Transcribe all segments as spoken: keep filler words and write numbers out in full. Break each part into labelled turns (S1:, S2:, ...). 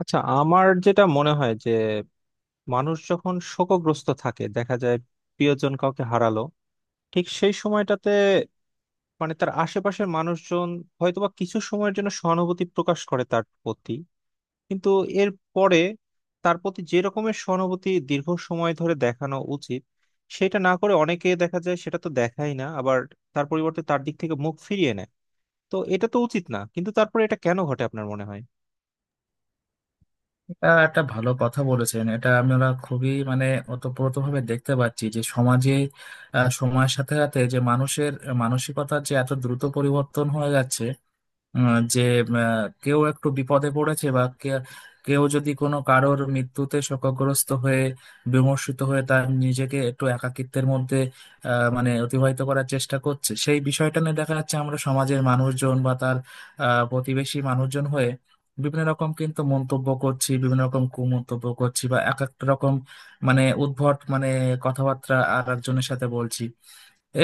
S1: আচ্ছা, আমার যেটা মনে হয় যে মানুষ যখন শোকগ্রস্ত থাকে, দেখা যায় প্রিয়জন কাউকে হারালো ঠিক সেই সময়টাতে মানে তার আশেপাশের মানুষজন হয়তোবা কিছু সময়ের জন্য সহানুভূতি প্রকাশ করে তার প্রতি, কিন্তু এর পরে তার প্রতি যে রকমের সহানুভূতি দীর্ঘ সময় ধরে দেখানো উচিত, সেটা না করে অনেকে দেখা যায় সেটা তো দেখাই না, আবার তার পরিবর্তে তার দিক থেকে মুখ ফিরিয়ে নেয়। তো এটা তো উচিত না, কিন্তু তারপরে এটা কেন ঘটে আপনার মনে হয়?
S2: এটা একটা ভালো কথা বলেছেন। এটা আমরা খুবই মানে ওতপ্রোতভাবে দেখতে পাচ্ছি যে সমাজে আহ, সময়ের সাথে সাথে যে মানুষের মানসিকতার যে এত দ্রুত পরিবর্তন হয়ে যাচ্ছে, আহ, যে আহ, কেউ একটু বিপদে পড়েছে বা কে- কেউ যদি কোনো কারোর মৃত্যুতে শোকগ্রস্ত হয়ে বিমর্ষিত হয়ে তার নিজেকে একটু একাকিত্বের মধ্যে আহ, মানে অতিবাহিত করার চেষ্টা করছে, সেই বিষয়টা নিয়ে দেখা যাচ্ছে আমরা সমাজের মানুষজন বা তার আহ, প্রতিবেশী মানুষজন হয়ে বিভিন্ন রকম কিন্তু মন্তব্য করছি, বিভিন্ন রকম কুমন্তব্য করছি বা এক একটা রকম মানে উদ্ভট মানে কথাবার্তা আর একজনের সাথে বলছি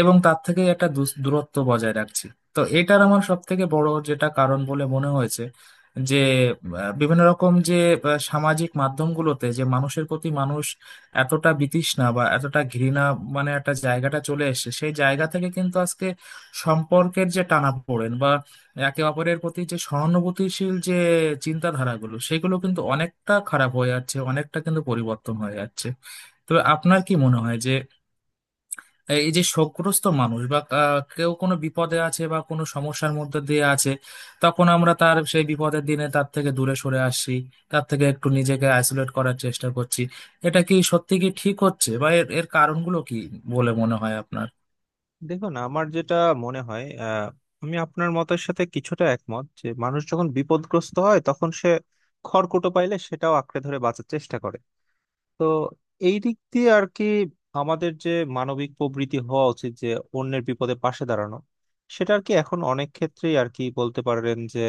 S2: এবং তার থেকে একটা দূস- দূরত্ব বজায় রাখছি। তো এটার আমার সব থেকে বড় যেটা কারণ বলে মনে হয়েছে যে আহ, বিভিন্ন রকম যে আহ, সামাজিক মাধ্যমগুলোতে যে মানুষের প্রতি মানুষ এতটা বিতৃষ্ণা বা এতটা ঘৃণা মানে একটা জায়গাটা চলে এসেছে। সেই জায়গা থেকে কিন্তু আজকে সম্পর্কের যে টানাপোড়েন বা একে অপরের প্রতি যে সহানুভূতিশীল যে চিন্তাধারাগুলো, সেগুলো কিন্তু অনেকটা খারাপ হয়ে যাচ্ছে, অনেকটা কিন্তু পরিবর্তন হয়ে যাচ্ছে। তো আপনার কি মনে হয় যে এই যে শোকগ্রস্ত মানুষ বা আহ, কেউ কোনো বিপদে আছে বা কোনো সমস্যার মধ্যে দিয়ে আছে, তখন আমরা তার সেই বিপদের দিনে তার থেকে দূরে সরে আসছি, তার থেকে একটু নিজেকে আইসোলেট করার চেষ্টা করছি, এটা কি সত্যি কি ঠিক হচ্ছে বা এর এর কারণগুলো কি বলে মনে হয় আপনার?
S1: দেখুন, আমার যেটা মনে হয়, আহ, আমি আপনার মতের সাথে কিছুটা একমত যে মানুষ যখন বিপদগ্রস্ত হয় তখন সে খড়কুটো পাইলে সেটাও আঁকড়ে ধরে বাঁচার চেষ্টা করে। তো এই দিক দিয়ে আর কি, আমাদের যে মানবিক প্রবৃত্তি হওয়া উচিত যে অন্যের বিপদে পাশে দাঁড়ানো, সেটা আর কি এখন অনেক ক্ষেত্রেই আর কি বলতে পারেন যে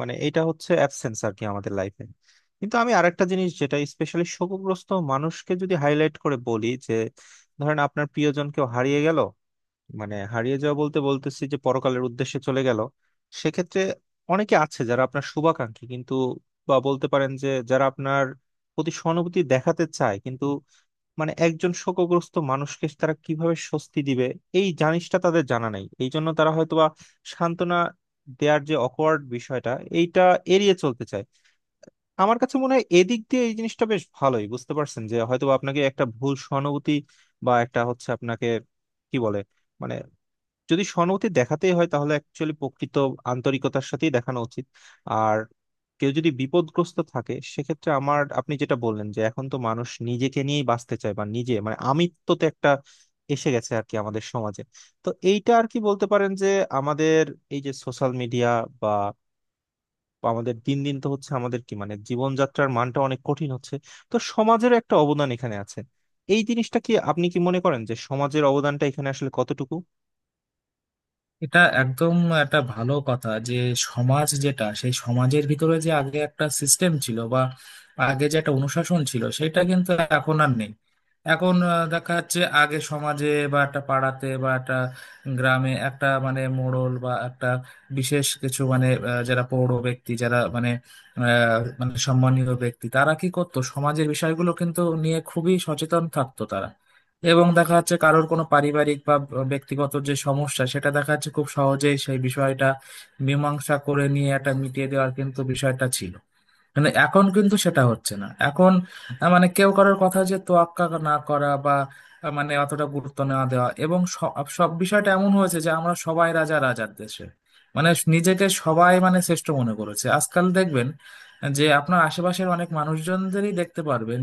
S1: মানে এটা হচ্ছে অ্যাবসেন্স আর কি আমাদের লাইফে। কিন্তু আমি আরেকটা জিনিস, যেটা স্পেশালি শোকগ্রস্ত মানুষকে যদি হাইলাইট করে বলি যে ধরেন আপনার প্রিয়জন কেউ হারিয়ে গেল, মানে হারিয়ে যাওয়া বলতে বলতেছি যে পরকালের উদ্দেশ্যে চলে গেল, সেক্ষেত্রে অনেকে আছে যারা আপনার শুভাকাঙ্ক্ষী কিন্তু, বা বলতে পারেন যে যারা আপনার প্রতি সহানুভূতি দেখাতে চায় কিন্তু মানে একজন শোকগ্রস্ত মানুষকে তারা কিভাবে স্বস্তি দিবে এই জিনিসটা তাদের জানা নাই, এই জন্য তারা হয়তোবা সান্ত্বনা দেয়ার যে অকওয়ার্ড বিষয়টা, এইটা এড়িয়ে চলতে চায়। আমার কাছে মনে হয় এদিক দিয়ে এই জিনিসটা বেশ ভালোই বুঝতে পারছেন যে হয়তোবা আপনাকে একটা ভুল সহানুভূতি, বা একটা হচ্ছে আপনাকে কি বলে, মানে যদি সহানুভূতি দেখাতেই হয় তাহলে অ্যাকচুয়ালি প্রকৃত আন্তরিকতার সাথেই দেখানো উচিত। আর কেউ যদি বিপদগ্রস্ত থাকে, সেক্ষেত্রে আমার, আপনি যেটা বললেন যে এখন তো মানুষ নিজেকে নিয়েই বাঁচতে চায়, বা নিজে মানে আমিত্ব তো একটা এসে গেছে আর কি আমাদের সমাজে। তো এইটা আর কি বলতে পারেন যে আমাদের এই যে সোশ্যাল মিডিয়া বা বা আমাদের দিন দিন তো হচ্ছে আমাদের কি মানে জীবনযাত্রার মানটা অনেক কঠিন হচ্ছে। তো সমাজেরও একটা অবদান এখানে আছে, এই জিনিসটা কি আপনি কি মনে করেন যে সমাজের অবদানটা এখানে আসলে কতটুকু?
S2: এটা একদম একটা ভালো কথা যে সমাজ, যেটা সেই সমাজের ভিতরে যে আগে একটা সিস্টেম ছিল বা আগে যে একটা অনুশাসন ছিল, সেটা কিন্তু এখন আর নেই। এখন আহ, দেখা যাচ্ছে আগে সমাজে বা একটা পাড়াতে বা একটা গ্রামে একটা মানে মোড়ল বা একটা বিশেষ কিছু মানে আহ, যারা পৌর ব্যক্তি, যারা মানে আহ, মানে সম্মানীয় ব্যক্তি, তারা কি করতো, সমাজের বিষয়গুলো কিন্তু নিয়ে খুবই সচেতন থাকতো তারা এবং দেখা যাচ্ছে কারোর কোনো পারিবারিক বা ব্যক্তিগত যে সমস্যা, সেটা দেখা যাচ্ছে খুব সহজেই সেই বিষয়টা মীমাংসা করে নিয়ে এটা মিটিয়ে দেওয়ার কিন্তু বিষয়টা ছিল। মানে এখন কিন্তু সেটা হচ্ছে না। এখন আহ, মানে কেউ কারোর কথা যে তোয়াক্কা না করা বা আহ, মানে অতটা গুরুত্ব না দেওয়া এবং সব সব বিষয়টা এমন হয়েছে যে আমরা সবাই রাজা রাজার দেশে, মানে নিজেকে সবাই মানে শ্রেষ্ঠ মনে করেছে। আজকাল দেখবেন যে আপনার আশেপাশের অনেক মানুষজনদেরই দেখতে পারবেন,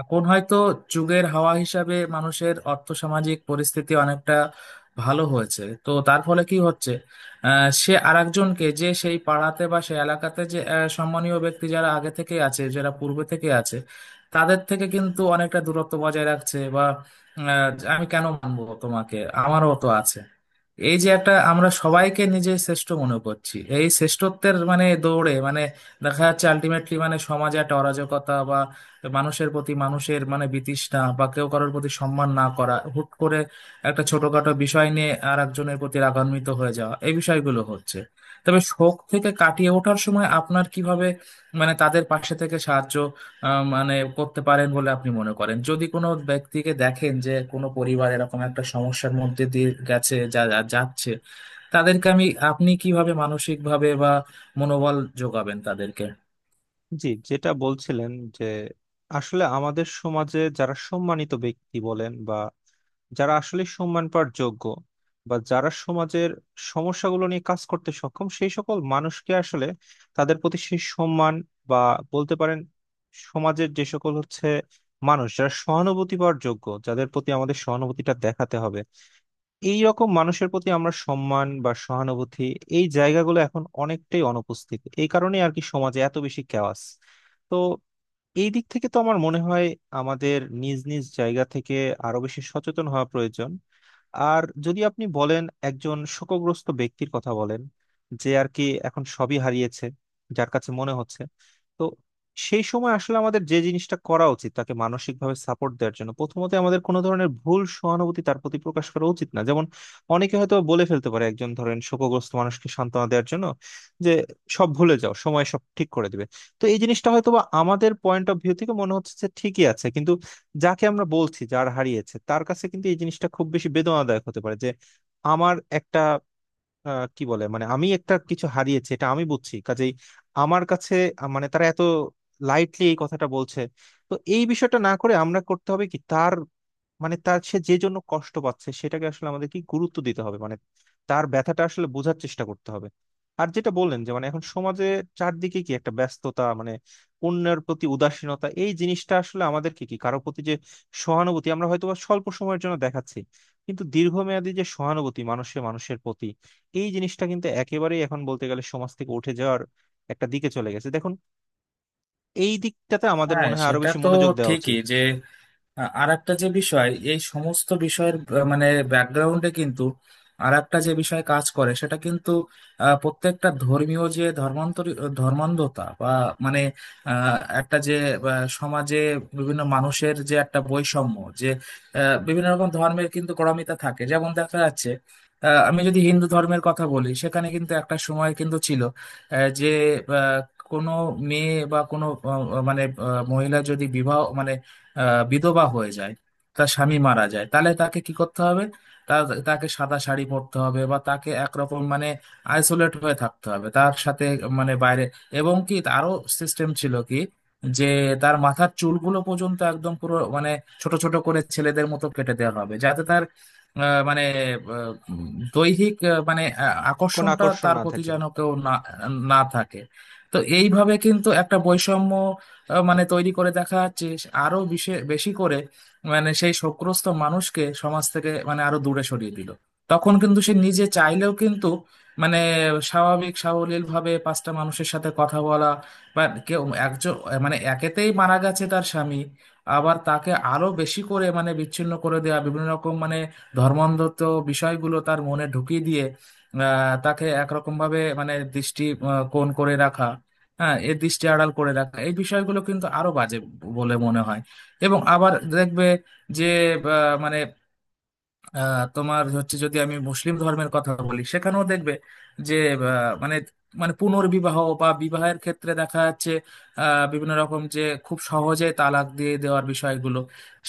S2: এখন হয়তো যুগের হাওয়া হিসাবে মানুষের অর্থসামাজিক পরিস্থিতি অনেকটা ভালো হয়েছে। তো তার ফলে কি হচ্ছে, আহ, সে আরেকজনকে যে সেই পাড়াতে বা সেই এলাকাতে যে আহ, সম্মানীয় ব্যক্তি যারা আগে থেকে আছে, যারা পূর্বে থেকে আছে, তাদের থেকে কিন্তু অনেকটা দূরত্ব বজায় রাখছে বা আহ, আমি কেন মানবো তোমাকে, আমারও তো আছে। এই যে একটা আমরা সবাইকে নিজে শ্রেষ্ঠ মনে করছি, এই শ্রেষ্ঠত্বের মানে দৌড়ে মানে দেখা যাচ্ছে আলটিমেটলি মানে সমাজে একটা অরাজকতা, মানুষের প্রতি মানুষের মানে বিতৃষ্ণা বা কেউ কারোর প্রতি সম্মান না করা, হুট করে একটা ছোটখাটো বিষয় নিয়ে আর একজনের প্রতি রাগান্বিত হয়ে যাওয়া, এই বিষয়গুলো হচ্ছে। তবে শোক থেকে কাটিয়ে ওঠার সময় আপনার কিভাবে মানে তাদের পাশে থেকে সাহায্য আহ, মানে করতে পারেন বলে আপনি মনে করেন? যদি কোনো ব্যক্তিকে দেখেন যে কোনো পরিবার এরকম একটা সমস্যার মধ্যে দিয়ে গেছে, যা যা- যাচ্ছে, তাদেরকে আমি আপনি কিভাবে মানসিক ভাবে বা মনোবল যোগাবেন তাদেরকে?
S1: জি, যেটা বলছিলেন যে আসলে আমাদের সমাজে যারা সম্মানিত ব্যক্তি বলেন, বা যারা আসলে সম্মান পাওয়ার যোগ্য, বা যারা সমাজের সমস্যাগুলো নিয়ে কাজ করতে সক্ষম, সেই সকল মানুষকে আসলে তাদের প্রতি সেই সম্মান, বা বলতে পারেন সমাজের যে সকল হচ্ছে মানুষ যারা সহানুভূতি পাওয়ার যোগ্য, যাদের প্রতি আমাদের সহানুভূতিটা দেখাতে হবে, এই রকম মানুষের প্রতি আমরা সম্মান বা সহানুভূতি এই জায়গাগুলো এখন অনেকটাই অনুপস্থিত। এই কারণে আর কি সমাজে এত বেশি কেওয়াস। তো এই দিক থেকে তো আমার মনে হয় আমাদের নিজ নিজ জায়গা থেকে আরো বেশি সচেতন হওয়া প্রয়োজন। আর যদি আপনি বলেন একজন শোকগ্রস্ত ব্যক্তির কথা বলেন, যে আর কি এখন সবই হারিয়েছে যার কাছে মনে হচ্ছে, তো সেই সময় আসলে আমাদের যে জিনিসটা করা উচিত তাকে মানসিকভাবে সাপোর্ট দেওয়ার জন্য, প্রথমত আমাদের কোনো ধরনের ভুল সহানুভূতি তার প্রতি প্রকাশ করা উচিত না। যেমন অনেকে হয়তো বলে ফেলতে পারে একজন ধরেন শোকগ্রস্ত মানুষকে সান্ত্বনা দেওয়ার জন্য যে সব ভুলে যাও, সময় সব ঠিক করে দিবে। তো এই জিনিসটা হয়তো বা আমাদের পয়েন্ট অফ ভিউ থেকে মনে হচ্ছে যে ঠিকই আছে, কিন্তু যাকে আমরা বলছি, যার হারিয়েছে তার কাছে কিন্তু এই জিনিসটা খুব বেশি বেদনাদায়ক হতে পারে যে আমার একটা আহ, কি বলে, মানে আমি একটা কিছু হারিয়েছি এটা আমি বুঝছি, কাজেই আমার কাছে আহ, মানে তারা এত লাইটলি এই কথাটা বলছে। তো এই বিষয়টা না করে আমরা করতে হবে কি, তার মানে তার সে যে জন্য কষ্ট পাচ্ছে সেটাকে আসলে আমাদের কি গুরুত্ব দিতে হবে, মানে তার ব্যথাটা আসলে বোঝার চেষ্টা করতে হবে। আর যেটা বললেন যে মানে এখন সমাজে চারদিকে কি একটা ব্যস্ততা, মানে অন্যের প্রতি উদাসীনতা, এই জিনিসটা আসলে আমাদেরকে কি কারোর প্রতি যে সহানুভূতি আমরা হয়তো বা স্বল্প সময়ের জন্য দেখাচ্ছি, কিন্তু দীর্ঘমেয়াদী যে সহানুভূতি মানুষে মানুষের প্রতি, এই জিনিসটা কিন্তু একেবারেই এখন বলতে গেলে সমাজ থেকে উঠে যাওয়ার একটা দিকে চলে গেছে। দেখুন, এই দিকটাতে আমাদের
S2: হ্যাঁ,
S1: মনে হয় আরো
S2: সেটা
S1: বেশি
S2: তো
S1: মনোযোগ দেওয়া উচিত।
S2: ঠিকই যে আর একটা যে বিষয় এই সমস্ত বিষয়ের আহ, মানে ব্যাকগ্রাউন্ডে কিন্তু আর একটা যে বিষয় কাজ করে, সেটা কিন্তু আহ, প্রত্যেকটা ধর্মীয় যে ধর্মান্তর, ধর্মান্ধতা বা মানে আহ, একটা যে আহ, সমাজে বিভিন্ন মানুষের যে একটা বৈষম্য, যে আহ, বিভিন্ন রকম ধর্মের কিন্তু গোঁড়ামিতা থাকে, যেমন দেখা যাচ্ছে আহ, আমি যদি হিন্দু ধর্মের কথা বলি, সেখানে কিন্তু একটা সময় কিন্তু ছিল আহ, যে আহ, কোনো মেয়ে বা কোনো আহ, মানে আহ, মহিলা যদি বিবাহ মানে আহ, বিধবা হয়ে যায়, তার স্বামী মারা যায়, তাহলে তাকে কি করতে হবে, তা- তাকে সাদা শাড়ি পরতে হবে বা তাকে একরকম মানে আইসোলেট হয়ে থাকতে হবে, তার সাথে মানে বাইরে এবং কি আরো সিস্টেম ছিল কি, যে তার মাথার চুলগুলো পর্যন্ত একদম পুরো মানে ছোট ছোট করে ছেলেদের মতো কেটে দেওয়া হবে, যাতে তার আহ, মানে আহ, দৈহিক আহ, মানে আ-
S1: কোন
S2: আকর্ষণটা
S1: আকর্ষণ
S2: তার
S1: না
S2: প্রতি
S1: থাকে।
S2: যেন কেউ না না থাকে। তো এইভাবে কিন্তু একটা বৈষম্য আহ, মানে তৈরি করে দেখা যাচ্ছে আরো বিশে- বেশি করে মানে সেই শোকগ্রস্ত মানুষকে সমাজ থেকে মানে আরো দূরে সরিয়ে দিল। তখন কিন্তু সে নিজে চাইলেও কিন্তু মানে স্বাভাবিক সাবলীল ভাবে পাঁচটা মানুষের সাথে কথা বলা বা কেউ একজন মানে একেতেই মারা গেছে তার স্বামী, আবার তাকে আরো বেশি করে মানে বিচ্ছিন্ন করে দেওয়া, বিভিন্ন রকম মানে ধর্মান্ধত্ব বিষয়গুলো তার মনে ঢুকিয়ে দিয়ে আহ, তাকে একরকম ভাবে মানে দৃষ্টি আহ, কোণ করে রাখা, হ্যাঁ এর দৃষ্টি আড়াল করে রাখা, এই বিষয়গুলো কিন্তু আরো বাজে বলে মনে হয়। এবং আবার দেখবে যে আহ, মানে আহ, তোমার হচ্ছে যদি আমি মুসলিম ধর্মের কথা বলি, সেখানেও দেখবে যে আহ, মানে মানে পুনর্বিবাহ বা বিবাহের ক্ষেত্রে দেখা যাচ্ছে আহ, বিভিন্ন রকম যে খুব সহজে তালাক দিয়ে দেওয়ার বিষয়গুলো,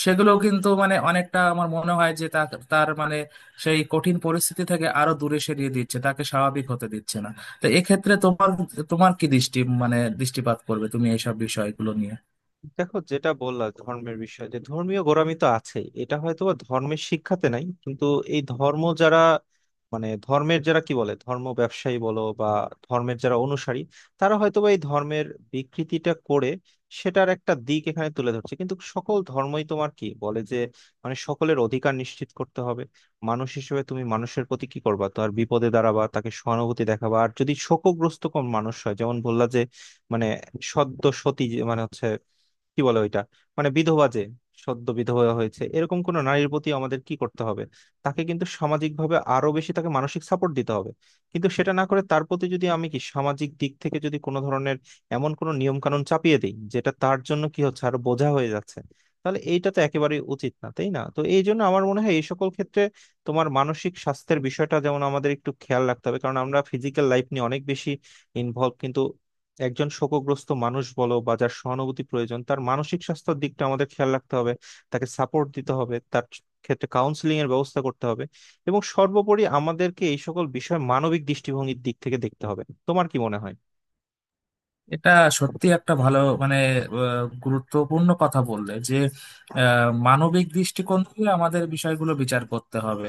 S2: সেগুলো কিন্তু মানে অনেকটা আমার মনে হয় যে তা- তার মানে সেই কঠিন পরিস্থিতি থেকে আরো দূরে সরিয়ে দিচ্ছে, তাকে স্বাভাবিক হতে দিচ্ছে না। তো এক্ষেত্রে তোমার তোমার কি দৃষ্টি মানে দৃষ্টিপাত করবে তুমি এইসব বিষয়গুলো নিয়ে?
S1: দেখো, যেটা বললা ধর্মের বিষয়ে, যে ধর্মীয় গোঁড়ামি তো আছে, এটা হয়তো বা ধর্মের শিক্ষাতে নাই, কিন্তু এই ধর্ম যারা, মানে ধর্মের যারা কি বলে ধর্ম ব্যবসায়ী বলো, বা ধর্মের যারা অনুসারী, তারা হয়তো বা এই ধর্মের বিকৃতিটা করে, সেটার একটা দিক এখানে তুলে ধরছে। কিন্তু সকল ধর্মই তোমার কি বলে যে মানে সকলের অধিকার নিশ্চিত করতে হবে, মানুষ হিসেবে তুমি মানুষের প্রতি কি করবা, তার বিপদে দাঁড়াবা, তাকে সহানুভূতি দেখাবা। আর যদি শোকগ্রস্ত কোন মানুষ হয়, যেমন বললা যে মানে সদ্য সতী যে- মানে হচ্ছে কি বলে ওইটা, মানে বিধবা, যে সদ্য বিধবা হয়েছে, এরকম কোনো নারীর প্রতি আমাদের কি করতে হবে? তাকে কিন্তু সামাজিকভাবে আরো বেশি তাকে মানসিক সাপোর্ট দিতে হবে। কিন্তু সেটা না করে তার প্রতি যদি আমি কি সামাজিক দিক থেকে যদি কোনো ধরনের এমন কোনো নিয়ম কানুন চাপিয়ে দিই যেটা তার জন্য কি হচ্ছে আর বোঝা হয়ে যাচ্ছে, তাহলে এইটা তো একেবারেই উচিত না, তাই না? তো এই জন্য আমার মনে হয় এই সকল ক্ষেত্রে তোমার মানসিক স্বাস্থ্যের বিষয়টা যেমন আমাদের একটু খেয়াল রাখতে হবে, কারণ আমরা ফিজিক্যাল লাইফ নিয়ে অনেক বেশি ইনভলভ, কিন্তু একজন শোকগ্রস্ত মানুষ বলো বা যার সহানুভূতি প্রয়োজন, তার মানসিক স্বাস্থ্যের দিকটা আমাদের খেয়াল রাখতে হবে, তাকে সাপোর্ট দিতে হবে, তার ক্ষেত্রে কাউন্সিলিং এর ব্যবস্থা করতে হবে। এবং সর্বোপরি আমাদেরকে এই সকল বিষয় মানবিক দৃষ্টিভঙ্গির দিক থেকে দেখতে হবে। তোমার কি মনে হয়?
S2: এটা সত্যি একটা ভালো মানে আহ, গুরুত্বপূর্ণ কথা বললে যে আহ, মানবিক দৃষ্টিকোণ থেকে আমাদের বিষয়গুলো বিচার করতে হবে।